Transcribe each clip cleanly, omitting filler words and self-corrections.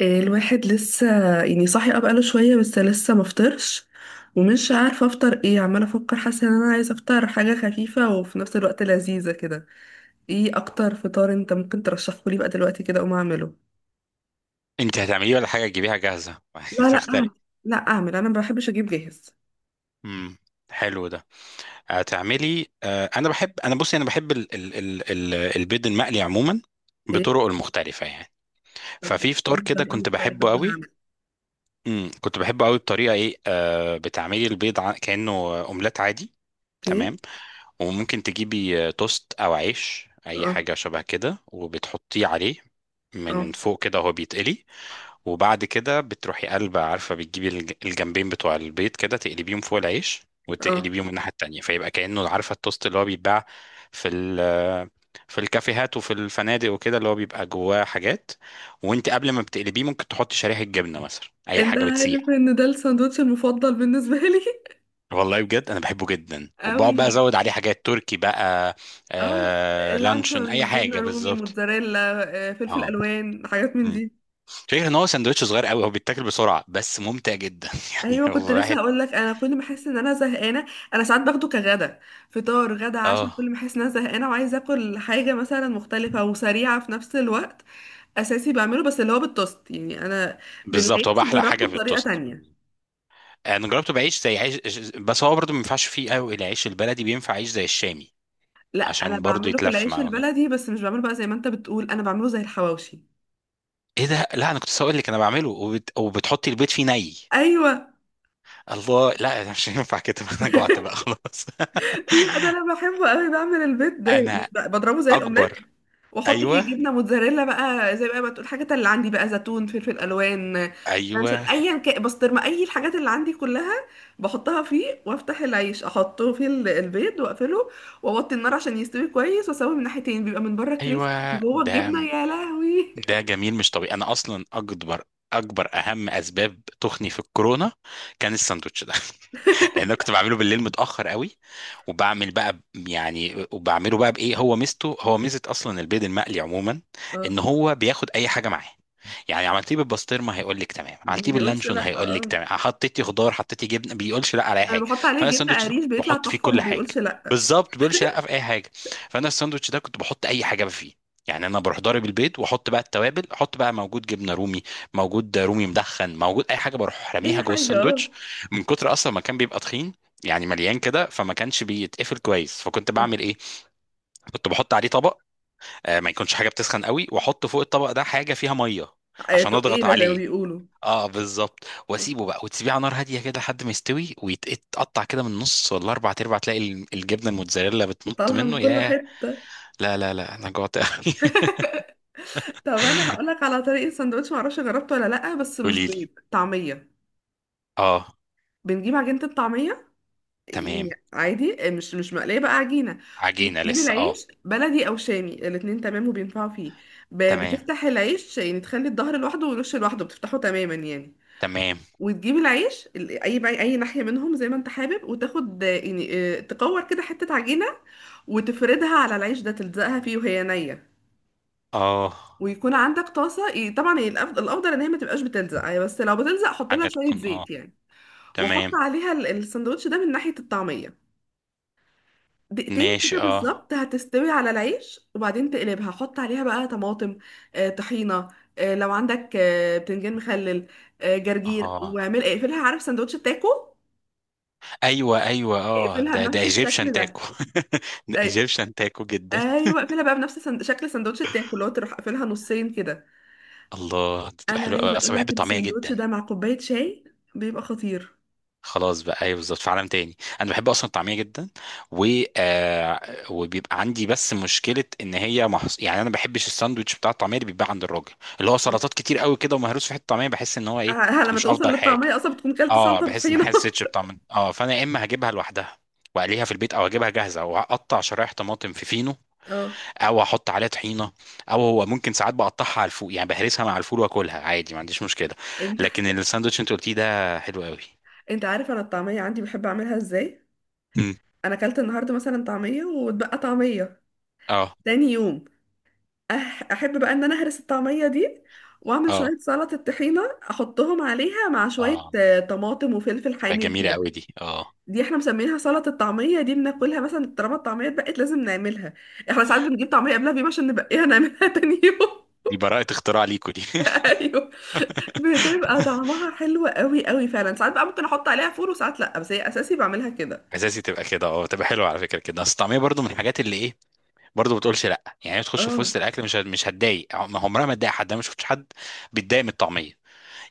الواحد لسه يعني صاحي بقاله شوية، بس لسه مفطرش. ومش عارفة افطر ايه، عمالة افكر، حاسة ان انا عايزة افطر حاجة خفيفة وفي نفس الوقت لذيذة كده. ايه اكتر فطار انت ممكن ترشحه لي بقى دلوقتي كده اقوم اعمله؟ انت هتعمليه ولا حاجه تجيبيها جاهزه؟ يعني لا، لا اعمل. تخترق. لا اعمل، انا ما بحبش اجيب جاهز. امم حلو ده. هتعملي؟ انا بحب البيض المقلي عموما اوكي. بطرق المختلفه يعني. طب. ففي فطار دي كده طريقة كنت مختلفة بحبه كده قوي. اعمل. كنت بحبه قوي بطريقه ايه، بتعملي البيض كانه اومليت عادي. اوكي. تمام، وممكن تجيبي توست او عيش اي اه. حاجه شبه كده وبتحطيه عليه من اه. فوق كده وهو بيتقلي. وبعد كده بتروحي قلبة، عارفة، بتجيبي الجنبين بتوع البيض كده، تقلبيهم فوق العيش اه. وتقلبيهم الناحية التانية فيبقى كأنه، عارفة، التوست اللي هو بيتباع في ال في الكافيهات وفي الفنادق وكده، اللي هو بيبقى جواه حاجات. وانت قبل ما بتقلبيه ممكن تحطي شريحة جبنة مثلا، اي انت حاجة عارف بتسيح. ان ده الساندوتش المفضل بالنسبة لي؟ والله بجد انا بحبه جدا، وبقعد قوي. بقى ازود عليه حاجات، تركي بقى. اه. آه، لانشون، اي اللانشون، جبنة حاجة رومي، بالظبط. موتزاريلا، فلفل اه، الوان، حاجات من مم. دي. فكرة ان هو سندوتش صغير قوي، هو بيتاكل بسرعة بس ممتع جدا. يعني ايوه، كنت هو لسه واحد. هقول لك انا كل ما احس ان انا زهقانه. انا ساعات باخده كغدا، فطار غدا عشاء، كل اه، ما احس ان انا زهقانه وعايزه اكل حاجه مثلا مختلفه وسريعه في نفس الوقت. اساسي بعمله، بس اللي هو بالتوست يعني. انا بالظبط، هو بقى بالعيش احلى حاجه جربته في بطريقه التوست. تانية. انا جربته بعيش زي عيش. بس هو برضه ما ينفعش فيه قوي العيش البلدي، بينفع عيش زي الشامي. لا، انا عشان برضه بعمله في يتلف العيش معاه كده. البلدي، بس مش بعمله بقى زي ما انت بتقول، انا بعمله زي الحواوشي. ايه ده؟ لا، انا كنت لسه هقول لك انا بعمله وبتحطي البيض فيه ني. ايوه. الله، لا مش هينفع كده. انا جوعت بقى خلاص. لا، ده انا بحبه قوي، بعمل البيض ده يعني، انا بضربه زي الاومليت اكبر. واحط فيه ايوه، جبنه موتزاريلا بقى، زي بقى ما تقول، الحاجات اللي عندي بقى، زيتون، فلفل الوان، بنشر، ايوه، ايا كان بسطرمه، اي الحاجات اللي عندي كلها بحطها فيه، وافتح العيش احطه في البيض واقفله، واوطي النار عشان يستوي كويس، واسويه من ناحيتين بيبقى من بره كريسبي، من ايوه. جوه ده الجبنه يا لهوي. ده جميل مش طبيعي، انا اصلا اكبر اهم اسباب تخني في الكورونا كان الساندوتش ده. لان انا كنت بعمله بالليل متاخر قوي، وبعمل بقى يعني وبعمله بقى بايه، هو ميزته، هو ميزه اصلا البيض المقلي عموما، اه. ان هو بياخد اي حاجه معاه. يعني عملتيه بالبسطرمه هيقول لك تمام، ما عملتيه بيقولش باللانشون لا. هيقول لك اه. تمام، حطيتي خضار، حطيتي جبنه، بيقولش لا على اي انا حاجه. بحط عليه فانا جبنه الساندوتش ده كنت قريش بيطلع بحط فيه تحفه، كل ما حاجه. بيقولش لا. بالظبط، بيقولش لا في اي حاجه. فانا الساندوتش ده كنت بحط اي حاجه فيه. يعني انا بروح ضارب البيض، واحط بقى التوابل، احط بقى موجود جبنه رومي، موجود رومي مدخن، موجود اي حاجه بروح اي راميها جوه حاجه، اه. الساندوتش. من كتر اصلا ما كان بيبقى تخين، يعني مليان كده، فما كانش بيتقفل كويس، فكنت بعمل ايه؟ كنت بحط عليه طبق، ما يكونش حاجه بتسخن قوي، واحط فوق الطبق ده حاجه فيها ميه عشان اضغط تقيله زي ما عليه. بيقولوا. اه، بالظبط. واسيبه بقى، وتسيبيه على نار هاديه كده لحد ما يستوي ويتقطع كده من النص ولا اربع ارباع، تلاقي الجبنه الموتزاريلا بتنط طالعه من منه، كل ياه! حته. لا، لا، لا، انا جوعت قوي! طب انا هقول لك على طريقه سندوتش، معرفش جربته ولا لا، بس مش قولي لي. بيض، طعميه. اه، بنجيب عجينه الطعميه، يعني تمام. عادي مش مقليه بقى، عجينه. عجينه وتجيب لسه، اه. العيش بلدي او شامي، الاتنين تمام وبينفعوا فيه. تمام، بتفتح العيش، يعني تخلي الظهر لوحده والوش لوحده، بتفتحه تماما يعني. تمام. وتجيب العيش اي بقى اي ناحيه منهم زي ما انت حابب، وتاخد يعني، تكور كده حته عجينه وتفردها على العيش ده، تلزقها فيه وهي نيه. اه، ويكون عندك طاسه، طبعا هي الافضل ان هي ما تبقاش بتلزق يعني، بس لو بتلزق حط لها حاجه شويه تكون، اه. زيت يعني. وحط تمام. عليها السندوتش ده من ناحيه الطعميه، دقيقتين ماشي، كده اه. بالظبط هتستوي على العيش، وبعدين تقلبها حط عليها بقى طماطم، طحينه، لو عندك بتنجان مخلل، جرجير، اه، واعمل اقفلها. عارف سندوتش التاكو؟ ايوه، ايوه، اه، اقفلها ده بنفس الشكل ايجيبشن تاكو. ده. ده أي- ايجيبشن تاكو جدا. ايوه، اقفلها بقى بنفس شكل سندوتش التاكو، اللي هو تروح قافلها نصين كده. الله، دي بتبقى انا حلوه قوي، عايزه اقول اصلا بحب لك الطعميه الساندوتش جدا. ده مع كوبايه شاي بيبقى خطير. خلاص بقى، ايوه بالظبط، في عالم تاني انا بحب اصلا الطعميه جدا، و آه وبيبقى عندي بس مشكله ان هي يعني انا ما بحبش الساندوتش بتاع الطعميه اللي بيتباع عند الراجل، اللي هو سلطات ه- كتير قوي كده، ومهروس في حته طعميه، بحس ان هو ايه، لما مش توصل افضل حاجه. للطعمية اصلا بتكون كلت اه، سلطة بحس ان ما بطحينة. حسيتش بطعم، اه، فانا يا اما هجيبها لوحدها واقليها في البيت، او اجيبها جاهزه واقطع شرايح طماطم في فينو، اه. او احط عليها طحينه، او هو ممكن ساعات بقطعها على الفول، يعني بهرسها مع الفول واكلها عادي، ما عنديش مشكله. انت لكن الساندوتش انت قلتيه ده حلو قوي. انت عارف انا الطعمية عندي بحب اعملها ازاي؟ امم انا كلت النهاردة مثلا طعمية واتبقى طعمية اه، تاني يوم. احب بقى ان انا اهرس الطعمية دي، واعمل اه، شوية سلطة طحينة احطهم عليها مع شوية اه، طماطم وفلفل تبقى حامي جميله وكده. قوي دي، اه. دي احنا مسمينها سلطة الطعمية، دي بناكلها مثلا طالما الطعمية اتبقت لازم نعملها. احنا ساعات بنجيب طعمية قبلها بيوم عشان نبقيها نعملها تاني يوم. دي براءه اختراع ليكوا دي. ايوه. بتبقى طعمها حلو قوي قوي فعلا. ساعات بقى ممكن احط عليها فول وساعات لا، بس هي اساسي بعملها كده. اساسي تبقى كده، اه، تبقى حلوه على فكره كده، اصل الطعميه برضو من الحاجات اللي ايه، برضو ما بتقولش لا، يعني هي تخش في اه. وسط الاكل مش هتضايق، عمرها ما تضايق حد، انا ما شفتش حد بيتضايق من الطعميه.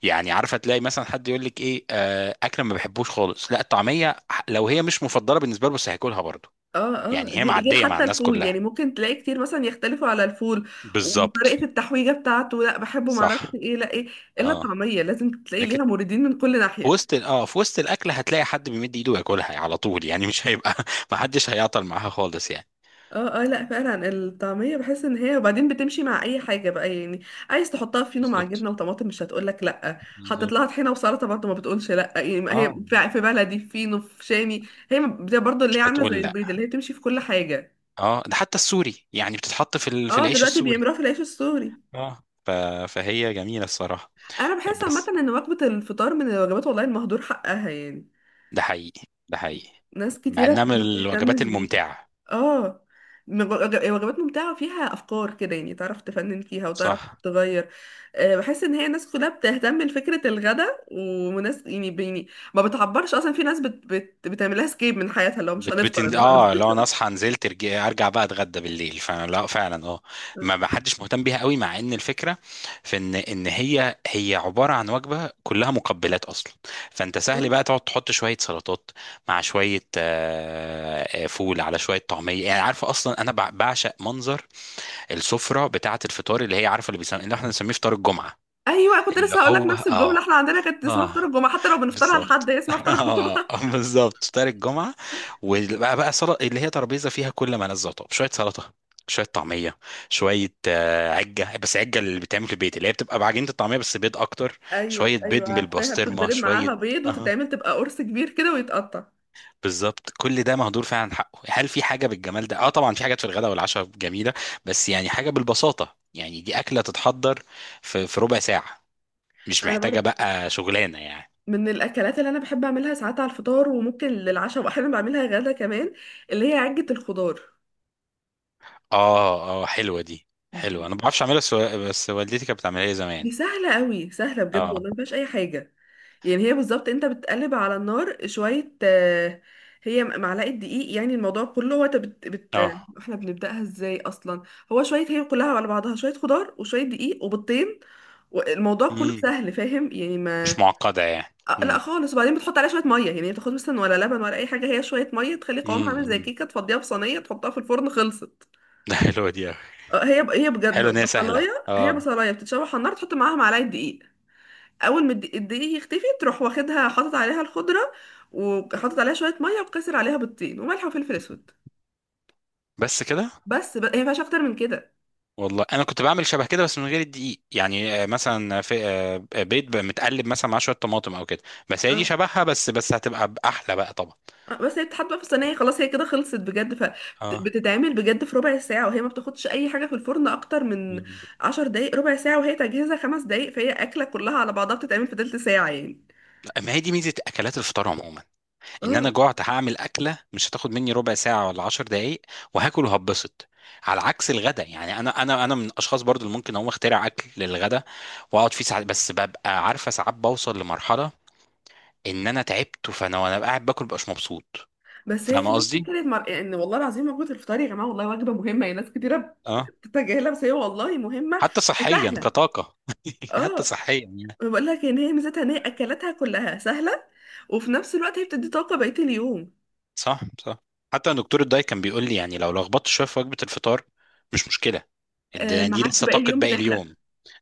يعني عارفه تلاقي مثلا حد يقول لك ايه، اكله ما بحبوش خالص، لا الطعميه لو هي مش مفضله بالنسبه له بس هياكلها برضو. اه. اه. يعني هي غير غير معدية مع حتى الناس الفول، يعني كلها. ممكن تلاقي كتير مثلا يختلفوا على الفول بالظبط. وطريقة التحويجة بتاعته، لا بحبه صح، معرفش ايه لا ايه. الا اه. الطعمية لازم تلاقي لكن ليها موردين من كل في ناحية. وسط في وسط الاكل هتلاقي حد بيمد ايده ياكلها، يعني على طول، يعني مش هيبقى، ما حدش هيعطل معاها خالص يعني. اه. اه. لا فعلا، الطعمية بحس ان هي وبعدين بتمشي مع اي حاجة بقى يعني. عايز تحطها فينو مع بالظبط، جبنة وطماطم مش هتقولك لا، حطيت بالظبط، لها طحينة وسلطة برضه ما بتقولش لا يعني، ما هي اه، في في بلدي، في فينو، في شامي، هي ما- زي برضه اللي مش هي عاملة زي هتقول لا. البيض، اللي هي بتمشي في كل حاجة. اه، ده حتى السوري يعني بتتحط في في اه. العيش دلوقتي السوري. بيعملوها في العيش السوري. اه، فهي جميلة الصراحة. انا بحس عامة بس، ان وجبة الفطار من الوجبات والله المهدور حقها يعني. ده حقيقي، ده حقيقي. ناس مع انها كتيرة من ما الوجبات بتهتمش بيها. الممتعة. اه. وجبات ممتعة فيها أفكار كده يعني، تعرف تفنن فيها وتعرف صح. تغير. بحس إن هي الناس كلها بتهتم لفكرة الغداء، وناس يعني بيني، ما بتعبرش أصلا، في ناس بت بت بتعملها سكيب من حياتها، لو مش بت هنفطر بتن... النهاردة. اه لو انا اصحى نزلت ارجع بقى اتغدى بالليل، فلا فعلا، اه. ما حدش مهتم بيها قوي، مع ان الفكره في ان هي عباره عن وجبه كلها مقبلات اصلا. فانت سهل بقى تقعد تحط شويه سلطات، مع شويه فول على شويه طعميه، يعني عارفه اصلا انا بعشق منظر السفره بتاعه الفطار، اللي هي عارفه، اللي احنا بنسميه فطار الجمعه، أيوة، كنت اللي لسه هقول لك هو، نفس الجملة، اه، احنا عندنا كانت اسمها فطار اه، الجمعة، حتى لو بنفطرها لحد، بالظبط. هي اسمها فطار الجمعة. اه، بالظبط، فطار الجمعة. وبقى بقى سلطة، اللي هي ترابيزة فيها كل ما لذ وطاب، شوية سلطة، شوية طعمية، شوية عجة، بس عجة اللي بتعمل في البيت، اللي هي بتبقى بعجينة الطعمية بس بيض أكتر، أيوة شوية أيوة بيض عارفاها، بالبسطرمة، بتتضرب معاها شوية. بيض اه، وتتعمل تبقى قرص كبير كده ويتقطع. بالظبط. كل ده مهدور فعلا حقه، هل في حاجة بالجمال ده؟ اه، طبعا في حاجات في الغداء والعشاء جميلة، بس يعني حاجة بالبساطة، يعني دي أكلة تتحضر في ربع ساعة، مش انا محتاجة برضو بقى شغلانة يعني. من الاكلات اللي انا بحب اعملها ساعات على الفطار، وممكن للعشاء، واحيانا بعملها غدا كمان، اللي هي عجة الخضار. اه، اه، حلوة دي، حلوة، انا ما بعرفش اعملها، بس والدتي كانت بتعملها لي زمان. دي سهلة قوي، سهلة بجد اه، والله ما فيهاش اي حاجة. يعني هي بالظبط انت بتقلب على النار شوية، هي معلقة دقيق، يعني الموضوع كله هو انت اه. احنا بنبدأها ازاي اصلا؟ هو شوية، هي كلها على بعضها شوية خضار وشوية دقيق وبيضتين، والموضوع كله امم سهل فاهم يعني مش ما. معقدة يعني. لا خالص. وبعدين بتحط عليها شويه ميه يعني، ما بتاخدش مثلا ولا لبن ولا اي حاجه، هي شويه ميه تخلي قوامها عامل زي امم كيكه، تفضيها في صينيه تحطها في الفرن خلصت. ده حلوة دي أوي. هي هي بجد حلوة ان هي سهلة، بصلايه، هي اه. بصلايه بتتشوح على النار، تحط معاها معلقه دقيق. اول ما الدقيق الدقيق يختفي تروح واخدها حاطط عليها الخضره، وحاطط عليها شويه ميه وكسر عليها بيضتين وملح وفلفل اسود. بس كده. بس هي ما فيهاش اكتر من كده. والله انا كنت بعمل شبه كده بس من غير الدقيق، يعني مثلا في بيض بقى متقلب مثلا مع شوية طماطم او كده، بس هي دي اه. شبهها، بس هتبقى احلى بقى طبعا. بس هي بتتحط بقى في الصينيه خلاص، هي كده خلصت بجد، اه، فبتتعمل بجد في ربع ساعه، وهي ما بتاخدش اي حاجه في الفرن اكتر من مم. 10 دقايق، ربع ساعه. وهي تجهيزها 5 دقايق، فهي اكله كلها على بعضها بتتعمل في تلت ساعه يعني. ما هي دي ميزة اكلات الفطار عموما، ان انا اه. جعت هعمل اكله مش هتاخد مني ربع ساعه ولا 10 دقائق، وهاكل وهبسط. على عكس الغدا، يعني انا من الاشخاص برضو اللي ممكن اقوم اخترع اكل للغدا، واقعد فيه ساعات، بس ببقى عارفه ساعات بوصل لمرحله ان انا تعبت، فانا وانا قاعد باكل مبقاش مبسوط. بس هي فاهم كمان قصدي؟ فكره يعني والله العظيم وجبه الفطار يا جماعه والله وجبه مهمه يعني، ناس كتيره اه. بتتجاهلها بس هي والله مهمه حتى صحيا وسهله. كطاقه. حتى اه. صحيا يعني. بقول لك ان هي ميزتها ان هي اكلاتها كلها سهله، وفي نفس الوقت هي بتدي طاقه بقيه اليوم. صح، صح. حتى دكتور الداي كان بيقول لي، يعني لو لخبطت شويه في وجبه الفطار مش مشكله. دي معاك لسه باقي طاقه اليوم باقي بتحرق. اليوم،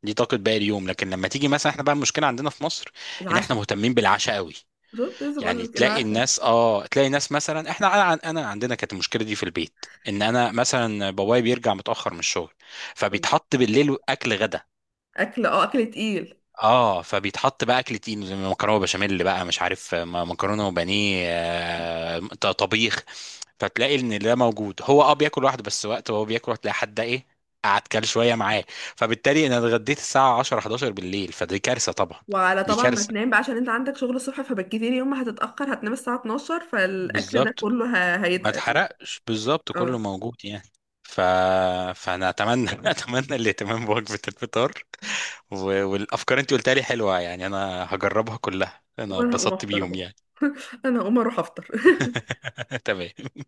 دي طاقه باقي اليوم. لكن لما تيجي مثلا، احنا بقى المشكله عندنا في مصر ان احنا العشاء. مهتمين بالعشاء قوي. بالظبط، لسه بقول يعني لك تلاقي العشاء. الناس اه تلاقي ناس مثلا، احنا انا عندنا كانت المشكله دي في البيت، ان انا مثلا بابايا بيرجع متاخر من الشغل، فبيتحط بالليل اكل غدا. اكل، اكل تقيل. اه، فبيتحط بقى اكل تقيل، زي مكرونه بشاميل بقى مش عارف، مكرونه وبانيه، طبيخ. فتلاقي ان ده موجود، هو بياكل لوحده، بس وقت وهو بياكل هتلاقي حد ايه، قعد كل شويه معاه. فبالتالي انا اتغديت الساعه 10 11 بالليل، فدي كارثه طبعا، وعلى دي طبعا ما كارثه. تنام بقى عشان انت عندك شغل الصبح، فبالكتير يوم ما هتتأخر هتنام الساعة 12، فالاكل ده بالظبط، كله ما هيتقل يعني. اتحرقش، بالظبط، كله اه. موجود يعني. ف... فانا اتمنى اتمنى الاهتمام بوجبه الفطار، و... والافكار انت قلتها لي حلوه يعني، انا هجربها كلها، انا وانا هقوم اتبسطت افطر بيهم اهو. يعني. انا هقوم اروح افطر. تمام.